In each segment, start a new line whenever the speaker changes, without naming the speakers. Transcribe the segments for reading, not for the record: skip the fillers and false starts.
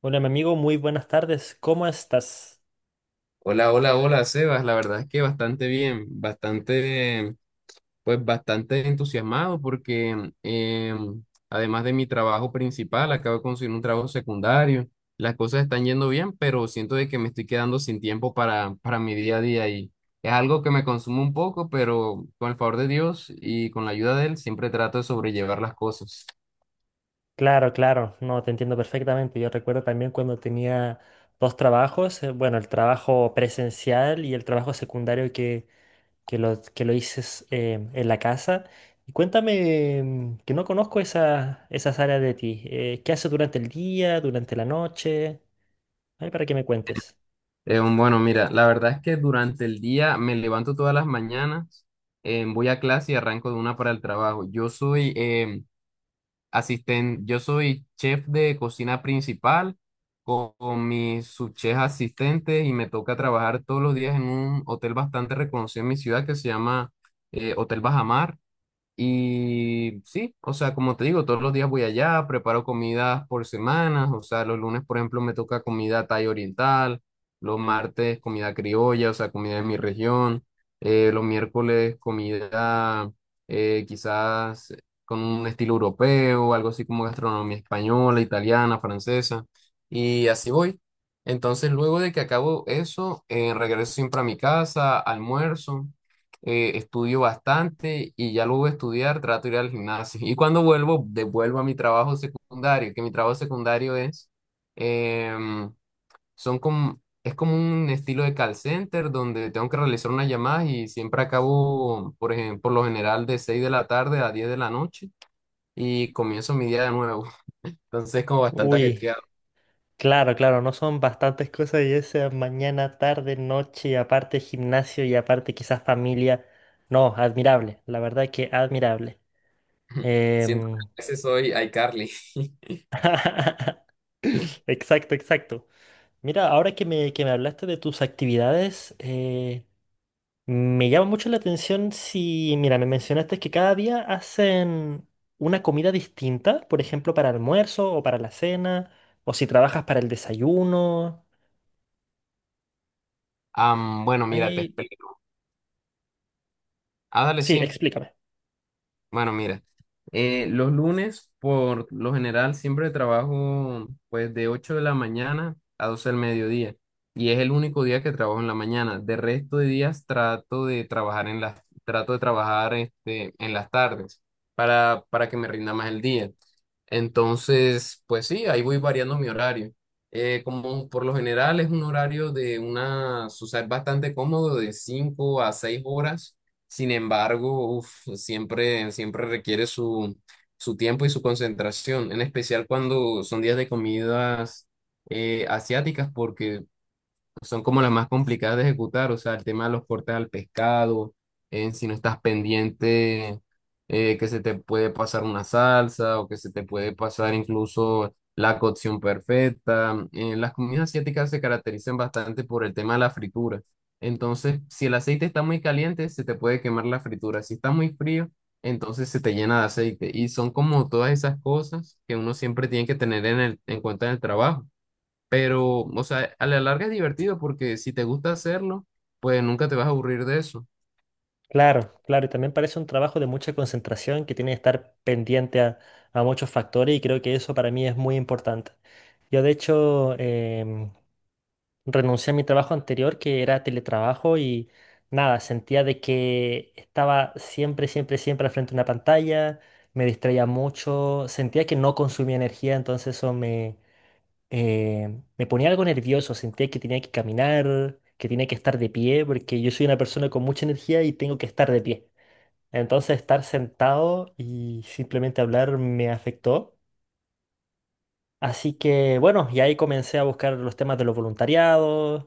Hola, mi amigo, muy buenas tardes. ¿Cómo estás?
Hola, hola, hola, Sebas. La verdad es que bastante bien, bastante, pues bastante entusiasmado porque además de mi trabajo principal, acabo de conseguir un trabajo secundario. Las cosas están yendo bien, pero siento de que me estoy quedando sin tiempo para mi día a día, y es algo que me consume un poco, pero con el favor de Dios y con la ayuda de él, siempre trato de sobrellevar las cosas.
Claro, claro, no, te entiendo perfectamente. Yo recuerdo también cuando tenía dos trabajos, bueno, el trabajo presencial y el trabajo secundario que lo hice en la casa. Y cuéntame, que no conozco esas áreas de ti. ¿Qué haces durante el día, durante la noche? Ay, para que me cuentes.
Bueno, mira, la verdad es que durante el día me levanto todas las mañanas, voy a clase y arranco de una para el trabajo. Yo soy yo soy chef de cocina principal con mis subchefs asistentes, y me toca trabajar todos los días en un hotel bastante reconocido en mi ciudad que se llama Hotel Bajamar. Y sí, o sea, como te digo, todos los días voy allá, preparo comidas por semanas, o sea, los lunes, por ejemplo, me toca comida thai oriental, los martes comida criolla, o sea, comida de mi región, los miércoles comida quizás con un estilo europeo, algo así como gastronomía española, italiana, francesa, y así voy. Entonces, luego de que acabo eso, regreso siempre a mi casa, almuerzo, estudio bastante, y ya luego de estudiar trato de ir al gimnasio. Y cuando vuelvo, devuelvo a mi trabajo secundario, que mi trabajo secundario es, em, son como, es como un estilo de call center donde tengo que realizar unas llamadas y siempre acabo, por ejemplo, por lo general de 6 de la tarde a 10 de la noche, y comienzo mi día de nuevo. Entonces es como bastante
Uy.
ajetreado.
Claro, claro, no son bastantes cosas y esa mañana, tarde, noche, aparte gimnasio y aparte quizás familia. No, admirable, la verdad que admirable.
Siento que
Em,
a veces soy iCarly.
Exacto, exacto. Mira, ahora que me hablaste de tus actividades, me llama mucho la atención si, mira, me mencionaste que cada día hacen una comida distinta, por ejemplo, para almuerzo o para la cena, o si trabajas para el desayuno.
Bueno, mira, te
Ahí-
explico. Ah, dale,
sí,
sí.
explícame.
Bueno, mira, los lunes por lo general siempre trabajo pues de 8 de la mañana a 12 del mediodía, y es el único día que trabajo en la mañana. De resto de días trato de trabajar en las, trato de trabajar este, en las tardes para que me rinda más el día. Entonces, pues sí, ahí voy variando mi horario. Como por lo general es un horario de una, o sea, es bastante cómodo, de 5 a 6 horas. Sin embargo, uf, siempre requiere su tiempo y su concentración, en especial cuando son días de comidas asiáticas, porque son como las más complicadas de ejecutar, o sea, el tema de los cortes al pescado. Si no estás pendiente, que se te puede pasar una salsa, o que se te puede pasar incluso la cocción perfecta. Las comidas asiáticas se caracterizan bastante por el tema de la fritura. Entonces, si el aceite está muy caliente, se te puede quemar la fritura. Si está muy frío, entonces se te llena de aceite. Y son como todas esas cosas que uno siempre tiene que tener en en cuenta en el trabajo. Pero, o sea, a la larga es divertido, porque si te gusta hacerlo, pues nunca te vas a aburrir de eso.
Claro, claro, y también parece un trabajo de mucha concentración que tiene que estar pendiente a muchos factores y creo que eso para mí es muy importante. Yo de hecho renuncié a mi trabajo anterior que era teletrabajo y nada, sentía de que estaba siempre, siempre, siempre al frente de una pantalla, me distraía mucho, sentía que no consumía energía, entonces eso me ponía algo nervioso, sentía que tenía que caminar, que tenía que estar de pie, porque yo soy una persona con mucha energía y tengo que estar de pie. Entonces estar sentado y simplemente hablar me afectó. Así que bueno, y ahí comencé a buscar los temas de los voluntariados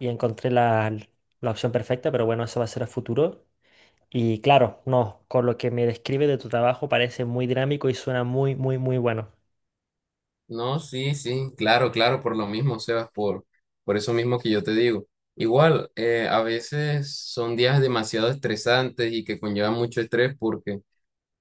y encontré la opción perfecta, pero bueno, eso va a ser a futuro. Y claro, no, con lo que me describe de tu trabajo parece muy dinámico y suena muy, muy, muy bueno.
No, sí, sí, claro, claro, por lo mismo, Sebas, por eso mismo que yo te digo. Igual, a veces son días demasiado estresantes y que conllevan mucho estrés, porque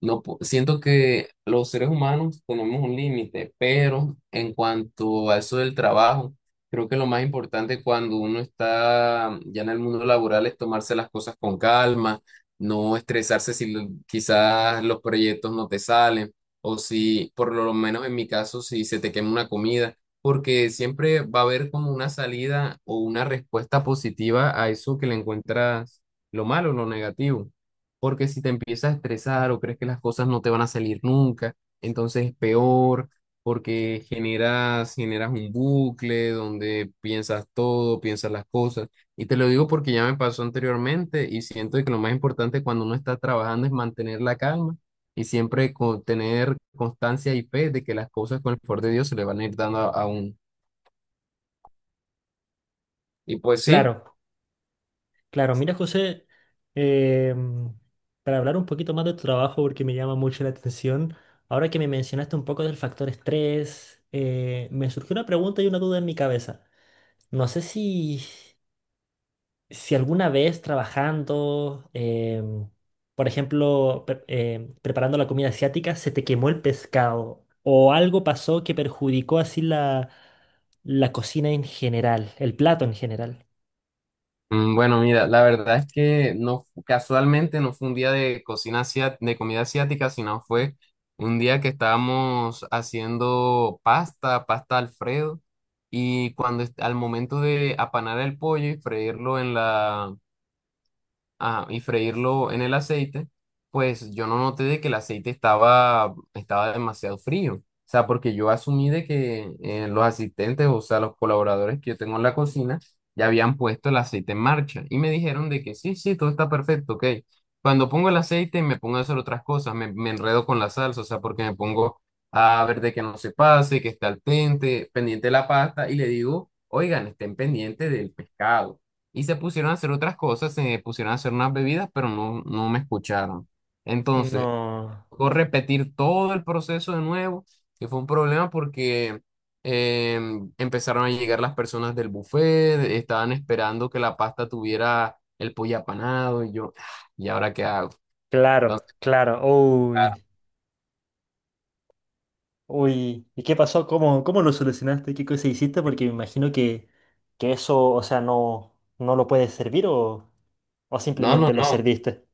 no, siento que los seres humanos tenemos un límite, pero en cuanto a eso del trabajo, creo que lo más importante cuando uno está ya en el mundo laboral es tomarse las cosas con calma, no estresarse si quizás los proyectos no te salen, o si, por lo menos en mi caso, si se te quema una comida, porque siempre va a haber como una salida o una respuesta positiva a eso, que le encuentras lo malo, lo negativo. Porque si te empiezas a estresar o crees que las cosas no te van a salir nunca, entonces es peor, porque generas un bucle donde piensas todo, piensas las cosas. Y te lo digo porque ya me pasó anteriormente, y siento que lo más importante cuando uno está trabajando es mantener la calma, y siempre tener constancia y fe de que las cosas con el favor de Dios se le van a ir dando a uno. Y pues sí.
Claro, claro. Mira, José, em, para hablar un poquito más de tu trabajo, porque me llama mucho la atención, ahora que me mencionaste un poco del factor estrés, me surgió una pregunta y una duda en mi cabeza. No sé si alguna vez trabajando, por ejemplo, preparando la comida asiática, se te quemó el pescado o algo pasó que perjudicó así la cocina en general, el plato en general.
Mm, bueno, mira, la verdad es que no, casualmente no fue un día de cocina de comida asiática, sino fue un día que estábamos haciendo pasta, pasta Alfredo, y cuando al momento de apanar el pollo y freírlo en la ajá, y freírlo en el aceite, pues yo no noté de que el aceite estaba demasiado frío. O sea, porque yo asumí de que los asistentes, o sea, los colaboradores que yo tengo en la cocina, ya habían puesto el aceite en marcha y me dijeron de que sí, sí, todo está perfecto, ok. Cuando pongo el aceite me pongo a hacer otras cosas, me enredo con la salsa, o sea, porque me pongo a ver de que no se pase, que esté al dente, pendiente de la pasta, y le digo, oigan, estén pendientes del pescado, y se pusieron a hacer otras cosas, se pusieron a hacer unas bebidas, pero no, no me escucharon. Entonces,
No,
tocó repetir todo el proceso de nuevo, que fue un problema porque eh, empezaron a llegar las personas del buffet, estaban esperando que la pasta tuviera el pollo apanado, y yo, "Ah, ¿y ahora qué hago?".
claro,
Entonces,
claro. Uy, uy. ¿Y qué pasó? Cómo lo solucionaste? ¿Qué cosa hiciste? Porque me imagino que eso, o sea, no, no lo puedes servir o
no, no,
simplemente lo
no,
serviste.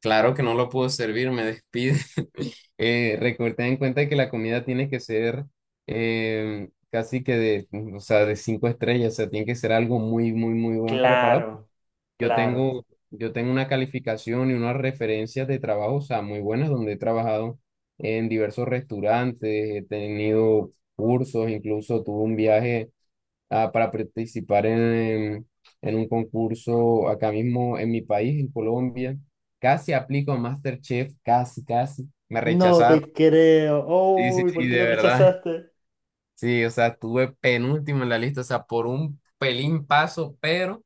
claro que no lo puedo servir, me despide. Ten en cuenta que la comida tiene que ser casi que de, o sea, de 5 estrellas, o sea, tiene que ser algo muy, muy, muy buen preparado.
Claro,
Yo
claro.
tengo, yo tengo una calificación y unas referencias de trabajo, o sea, muy buenas, donde he trabajado en diversos restaurantes, he tenido cursos, incluso tuve un viaje para participar en un concurso acá mismo en mi país, en Colombia. Casi aplico a MasterChef, casi, casi. Me
No
rechazaron.
te creo.
Sí, sí,
Uy,
sí,
¿por qué
de
lo
verdad.
rechazaste?
Sí, o sea, tuve penúltimo en la lista, o sea, por un pelín paso, pero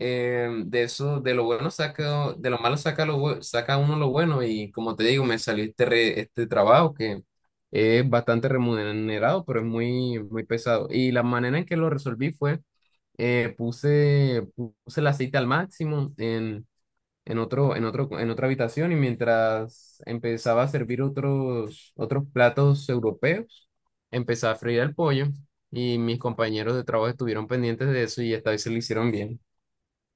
de eso, de lo bueno saca, de lo malo saca, lo, saca uno lo bueno, y como te digo, me salió este trabajo que es bastante remunerado, pero es muy, muy pesado. Y la manera en que lo resolví fue, puse el aceite al máximo en en otra habitación, y mientras empezaba a servir otros platos europeos, empezaba a freír el pollo, y mis compañeros de trabajo estuvieron pendientes de eso, y esta vez se lo hicieron bien.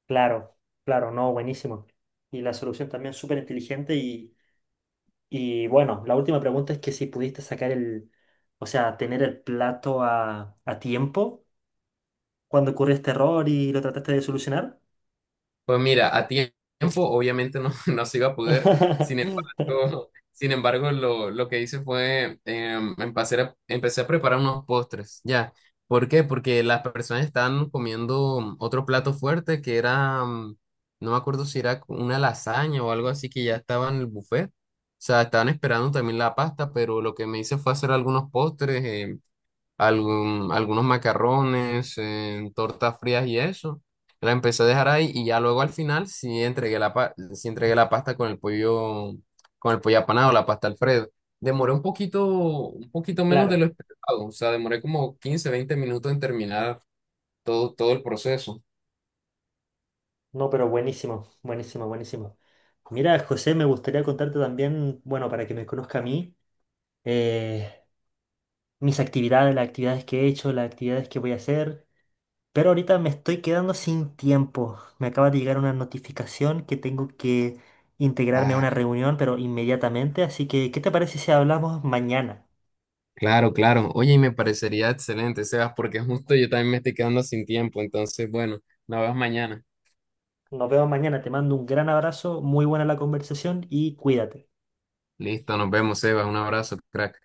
Claro, claro, no, buenísimo. Y la solución también súper inteligente y bueno, la última pregunta es que si pudiste sacar el, o sea, tener el plato a tiempo cuando ocurrió este error y lo trataste de solucionar.
Pues mira, a tiempo obviamente no, no se iba a poder, sin embargo lo que hice fue empecé a preparar unos postres, ya. ¿Por qué? Porque las personas estaban comiendo otro plato fuerte que era, mm, no me acuerdo si era una lasaña o algo así, que ya estaba en el buffet. O sea, estaban esperando también la pasta, pero lo que me hice fue hacer algunos postres. Algunos macarrones, tortas frías y eso. La empecé a dejar ahí, y ya luego al final sí entregué sí entregué la pasta con el pollo apanado, la pasta Alfredo. Demoré un poquito menos de
Claro,
lo esperado, o sea, demoré como 15 20 minutos en terminar todo el proceso.
no, pero buenísimo, buenísimo, buenísimo. Mira, José, me gustaría contarte también, bueno, para que me conozca a mí, eh, mis actividades, las actividades que he hecho, las actividades que voy a hacer. Pero ahorita me estoy quedando sin tiempo. Me acaba de llegar una notificación que tengo que integrarme a una
Ah,
reunión, pero inmediatamente. Así que, ¿qué te parece si hablamos mañana?
claro, claro. Oye, y me parecería excelente, Sebas, porque justo yo también me estoy quedando sin tiempo, entonces, bueno, nos vemos mañana.
Nos vemos mañana. Te mando un gran abrazo, muy buena la conversación y cuídate.
Listo, nos vemos, Sebas. Un abrazo, crack.